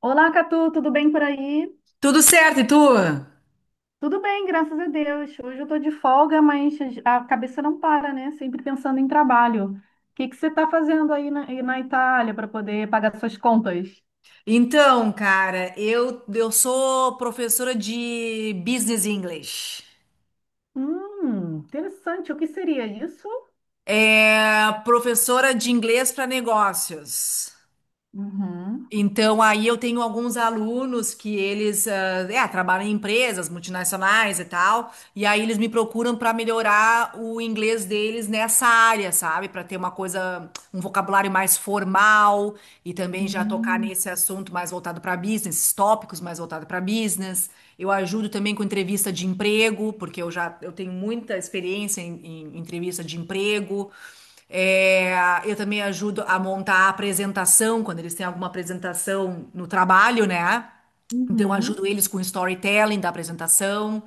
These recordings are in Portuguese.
Olá, Catu, tudo bem por aí? Tudo certo, e tu? Tudo bem, graças a Deus. Hoje eu tô de folga, mas a cabeça não para, né? Sempre pensando em trabalho. O que você está fazendo aí na Itália para poder pagar suas contas? Então, cara, eu sou professora de Business English. Interessante. O que seria isso? É professora de inglês para negócios. Uhum. Então, aí eu tenho alguns alunos que eles trabalham em empresas multinacionais e tal, e aí eles me procuram para melhorar o inglês deles nessa área, sabe? Para ter uma coisa, um vocabulário mais formal e também já tocar Hum. nesse assunto mais voltado para business, esses tópicos mais voltado para business. Eu ajudo também com entrevista de emprego, porque eu tenho muita experiência em entrevista de emprego. É, eu também ajudo a montar a apresentação, quando eles têm alguma apresentação no trabalho, né? Então, eu ajudo Uhum. eles com o storytelling da apresentação.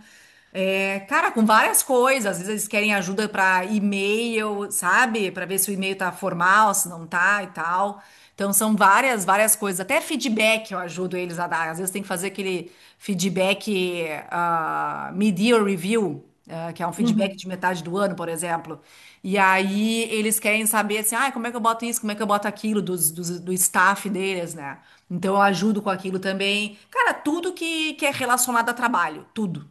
É, cara, com várias coisas. Às vezes eles querem ajuda para e-mail, sabe? Para ver se o e-mail tá formal, se não tá e tal. Então, são várias, várias coisas. Até feedback eu ajudo eles a dar. Às vezes tem que fazer aquele feedback, mid-year review que é um feedback Uhum. de metade do ano, por exemplo. E aí eles querem saber assim, ah, como é que eu boto isso, como é que eu boto aquilo do staff deles, né? Então eu ajudo com aquilo também. Cara, tudo que é relacionado a trabalho, tudo.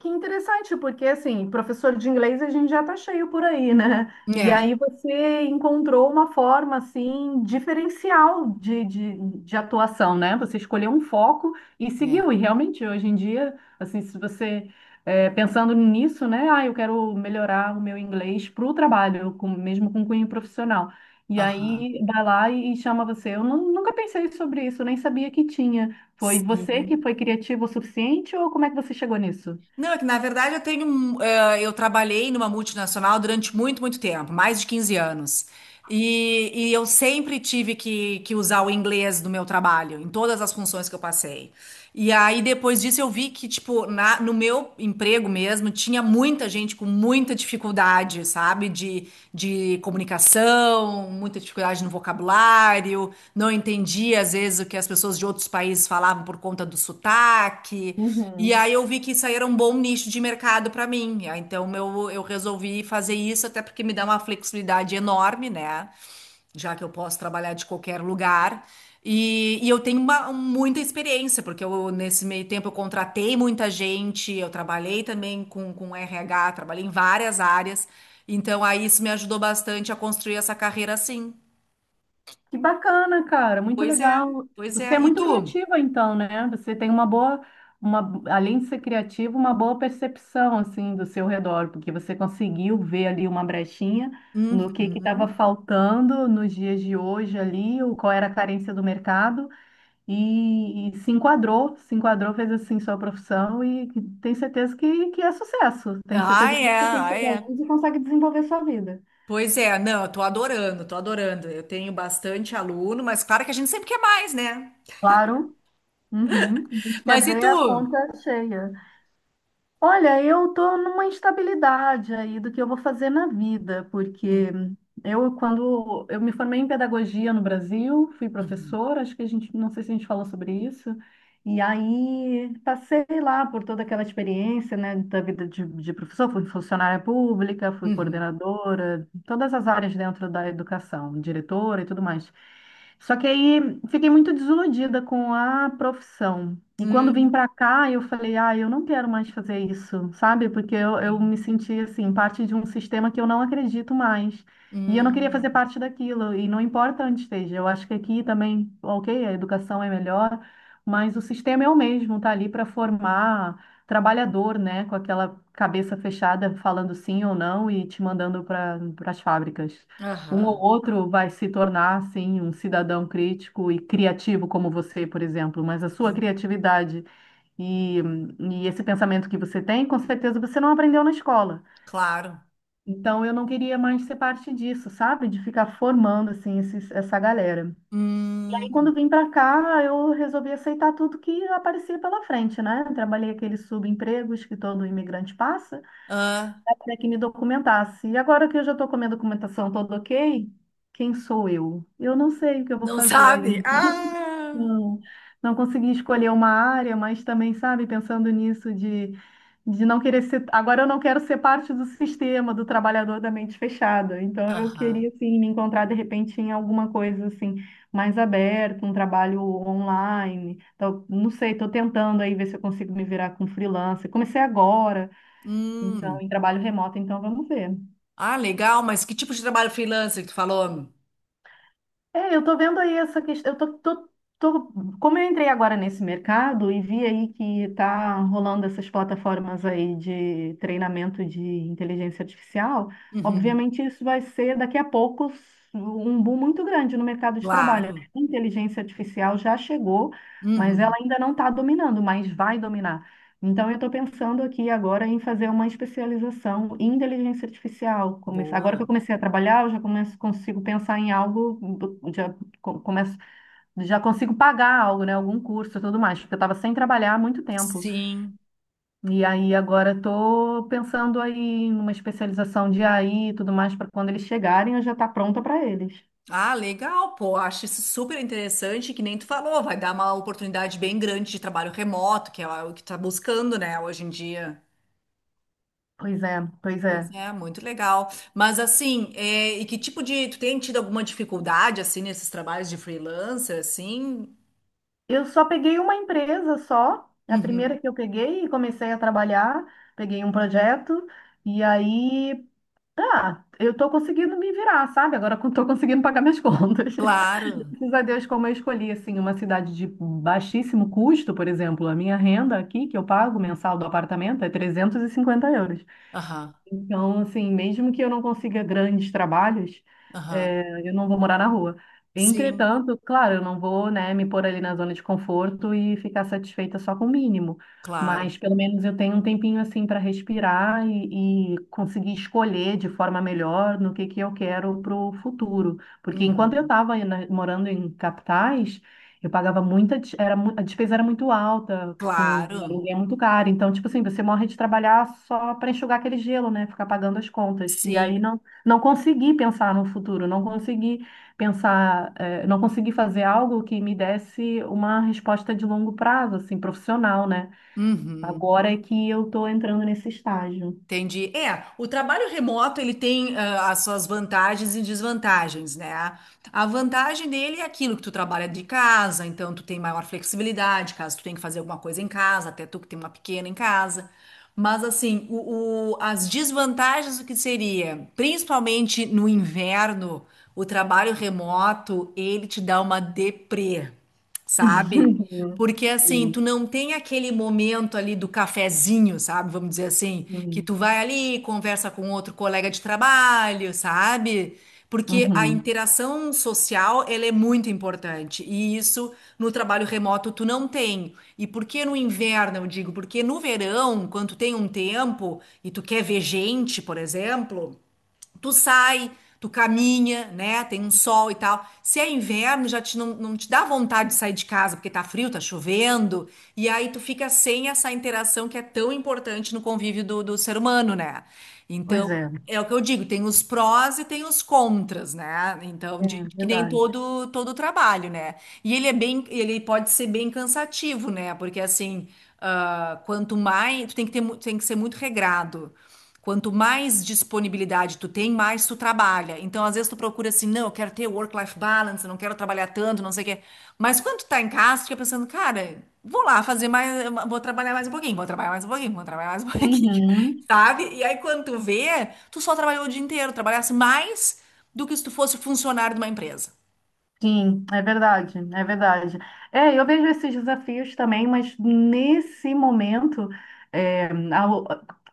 Que interessante, porque assim, professor de inglês a gente já tá cheio por aí, né? E É. aí você encontrou uma forma assim diferencial de atuação, né? Você escolheu um foco e É. seguiu. E realmente hoje em dia, assim, se você é, pensando nisso, né? Ah, eu quero melhorar o meu inglês para o trabalho, mesmo com cunho profissional. E Aham. aí vai lá e chama você. Eu nunca pensei sobre isso, nem sabia que tinha. Foi você que Sim. foi criativo o suficiente ou como é que você chegou nisso? Não, é que na verdade eu tenho, eu trabalhei numa multinacional durante muito, muito tempo, mais de 15 anos. E eu sempre tive que usar o inglês no meu trabalho, em todas as funções que eu passei. E aí depois disso eu vi que, tipo, no meu emprego mesmo, tinha muita gente com muita dificuldade, sabe? De comunicação, muita dificuldade no vocabulário, não entendia às vezes o que as pessoas de outros países falavam por conta do sotaque. E Uhum. aí eu vi que isso aí era um bom nicho de mercado para mim. Ah, então eu resolvi fazer isso, até porque me dá uma flexibilidade enorme, né? Já que eu posso trabalhar de qualquer lugar. E eu tenho muita experiência, porque eu, nesse meio tempo eu contratei muita gente, eu trabalhei também com RH, trabalhei em várias áreas. Então aí isso me ajudou bastante a construir essa carreira assim. Que bacana, cara, muito Pois é, legal. pois é. Você é E muito tu? criativa, então, né? Você tem uma boa, uma, além de ser criativa, uma boa percepção, assim, do seu redor, porque você conseguiu ver ali uma brechinha no que estava Uhum. faltando nos dias de hoje ali, o qual era a carência do mercado, e se enquadrou, se enquadrou, fez assim sua profissão e tem certeza que é sucesso. Tenho Ah, certeza que é, você tem ah, seus é. alunos e consegue desenvolver sua vida. Pois é, não, eu tô adorando, tô adorando. Eu tenho bastante aluno, mas claro que a gente sempre quer mais, né? Claro. Uhum, a gente quer Mas e ver a tu? conta cheia. Olha, eu estou numa instabilidade aí do que eu vou fazer na vida, Hum. porque eu, quando eu me formei em pedagogia no Brasil, fui Uhum. professora, acho que a gente, não sei se a gente falou sobre isso, e aí passei lá por toda aquela experiência, né, da vida de professor, fui funcionária pública, fui Uhum. coordenadora, todas as áreas dentro da educação, diretora e tudo mais. Só que aí fiquei muito desiludida com a profissão. E quando vim Hum. para cá, eu falei, ah, eu não quero mais fazer isso, sabe? Porque eu me senti assim, parte de um sistema que eu não acredito mais. E eu não queria fazer Hum. parte daquilo, e não importa onde esteja. Eu acho que aqui também, ok, a educação é melhor, mas o sistema é o mesmo, tá ali para formar trabalhador, né? Com aquela cabeça fechada, falando sim ou não e te mandando para as fábricas. Um ou Aham. outro vai se tornar, sim, um cidadão crítico e criativo como você, por exemplo, mas a sua Sim, criatividade e, e esse pensamento que você tem, com certeza você não aprendeu na escola. claro. Então, eu não queria mais ser parte disso, sabe? De ficar formando, assim, essa galera. E aí, Hum. quando vim para cá, eu resolvi aceitar tudo que aparecia pela frente, né? Trabalhei aqueles subempregos que todo imigrante passa Ah, até que me documentasse. E agora que eu já estou com a minha documentação toda ok, quem sou eu? Eu não sei o que eu vou não fazer sabe? ainda. Ah. Não, não consegui escolher uma área, mas também, sabe, pensando nisso de não querer ser. Agora eu não quero ser parte do sistema do trabalhador da mente fechada. Então eu Aham. queria, assim, me encontrar de repente em alguma coisa, assim, mais aberta, um trabalho online. Então, não sei, estou tentando aí ver se eu consigo me virar com freelancer. Comecei agora. Então, Hum. em trabalho remoto, então vamos ver. Ah, legal, mas que tipo de trabalho freelancer que tu falou? É, eu tô vendo aí essa questão. Eu tô, tô, tô- Como eu entrei agora nesse mercado e vi aí que tá rolando essas plataformas aí de treinamento de inteligência artificial, Uhum. obviamente isso vai ser daqui a pouco um boom muito grande no mercado de trabalho, né? Claro. A inteligência artificial já chegou, mas ela Uhum. ainda não está dominando, mas vai dominar. Então, eu estou pensando aqui agora em fazer uma especialização em inteligência artificial. Agora Boa. que eu comecei a trabalhar, eu já começo, consigo pensar em algo, já, começo, já consigo pagar algo, né? Algum curso e tudo mais, porque eu estava sem trabalhar há muito tempo. Sim. E aí agora estou pensando aí em uma especialização de AI e tudo mais, para quando eles chegarem eu já estar pronta para eles. Ah, legal, pô. Acho isso super interessante, que nem tu falou, vai dar uma oportunidade bem grande de trabalho remoto, que é o que tu tá buscando, né, hoje em dia. Pois é, pois é. Pois é, muito legal. Mas assim, é, e que tipo de. Tu tem tido alguma dificuldade, assim, nesses trabalhos de freelancer, assim? Eu só peguei uma empresa só, a Uhum. primeira que eu peguei e comecei a trabalhar, peguei um projeto e aí, ah, eu tô conseguindo me virar, sabe? Agora eu tô conseguindo pagar minhas contas. Claro. Graças a Deus, como eu escolhi, assim, uma cidade de baixíssimo custo, por exemplo, a minha renda aqui, que eu pago mensal do apartamento, é 350 euros. Aham, Então, assim, mesmo que eu não consiga grandes trabalhos, aham. Eu não vou morar na rua. Sim, Entretanto, claro, eu não vou, né, me pôr ali na zona de conforto e ficar satisfeita só com o mínimo. claro. Mas pelo menos eu tenho um tempinho assim para respirar e conseguir escolher de forma melhor no que eu quero para o futuro. Porque enquanto eu Uhum. estava morando em capitais, eu pagava muita, des- era, mu- a despesa era muito alta, o Claro. aluguel é muito caro. Então, tipo assim, você morre de trabalhar só para enxugar aquele gelo, né? Ficar pagando as contas. E Sim. aí não, não consegui pensar no futuro, não consegui pensar, não consegui fazer algo que me desse uma resposta de longo prazo, assim, profissional, né? Uhum. Agora é que eu estou entrando nesse estágio. Entendi. É, o trabalho remoto ele tem as suas vantagens e desvantagens, né? A vantagem dele é aquilo que tu trabalha de casa, então tu tem maior flexibilidade, caso tu tenha que fazer alguma coisa em casa, até tu que tem uma pequena em casa. Mas assim, as desvantagens o que seria, principalmente no inverno, o trabalho remoto, ele te dá uma deprê, sabe? Porque assim, Sim, tu não tem aquele momento ali do cafezinho, sabe? Vamos dizer assim, que sim. tu vai ali, conversa com outro colega de trabalho, sabe? Porque a Uhum. interação social, ela é muito importante. E isso no trabalho remoto tu não tem. E por que no inverno, eu digo? Porque no verão, quando tu tem um tempo e tu quer ver gente, por exemplo, tu sai, tu caminha, né? Tem um sol e tal. Se é inverno, já te, não te dá vontade de sair de casa porque tá frio, tá chovendo. E aí tu fica sem essa interação que é tão importante no convívio do, do ser humano, né? Pois Então, é, é o que eu digo, tem os prós e tem os contras, né? Então, é de, que nem verdade. Todo trabalho, né? E ele é bem, ele pode ser bem cansativo, né? Porque assim, ah, quanto mais, tu tem que ter, tem que ser muito regrado. Quanto mais disponibilidade tu tem, mais tu trabalha. Então, às vezes tu procura assim, não, eu quero ter work-life balance, eu não quero trabalhar tanto, não sei o quê. Mas quando tu tá em casa, tu fica pensando, cara, vou lá fazer mais, vou trabalhar mais um pouquinho, vou trabalhar mais um pouquinho, vou trabalhar mais um pouquinho, Uhum. sabe? E aí, quando tu vê, tu só trabalhou o dia inteiro, trabalhasse mais do que se tu fosse funcionário de uma empresa. Sim, é verdade, é verdade. É, eu vejo esses desafios também, mas nesse momento, é, ao-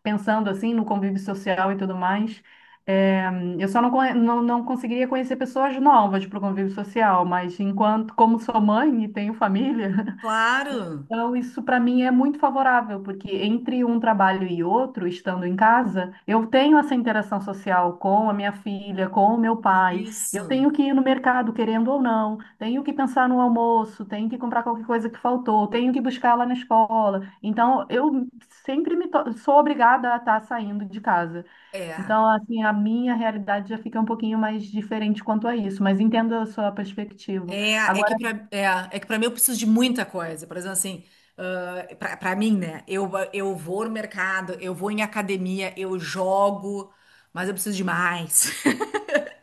pensando assim no convívio social e tudo mais, é, eu só não, conhe- não, não conseguiria conhecer pessoas novas para o convívio social, mas enquanto, como sou mãe e tenho família, Claro, Então, isso para mim é muito favorável, porque entre um trabalho e outro, estando em casa, eu tenho essa interação social com a minha filha, com o meu pai. Eu isso. tenho que ir no mercado, querendo ou não, tenho que pensar no almoço, tenho que comprar qualquer coisa que faltou, tenho que buscar lá na escola. Então, eu sou obrigada a estar saindo de casa. É. Então, assim, a minha realidade já fica um pouquinho mais diferente quanto a isso, mas entendo a sua perspectiva. É, é que pra é, é que para mim eu preciso de muita coisa. Por exemplo, assim, ah, pra para mim, né? Eu vou no mercado, eu vou em academia, eu jogo, mas eu preciso de mais.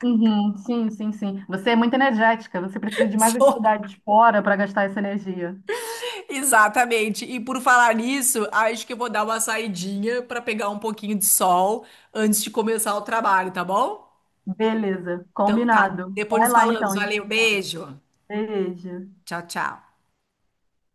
Uhum, sim, sim, sim. Você é muito energética, você precisa de mais Só- atividades fora para gastar essa energia. Exatamente. E por falar nisso, acho que eu vou dar uma saidinha pra pegar um pouquinho de sol antes de começar o trabalho, tá bom? Beleza, Então tá, combinado. depois Vai nos lá então, falamos. a gente Valeu, fala. beijo. Beijo. Tchau, tchau.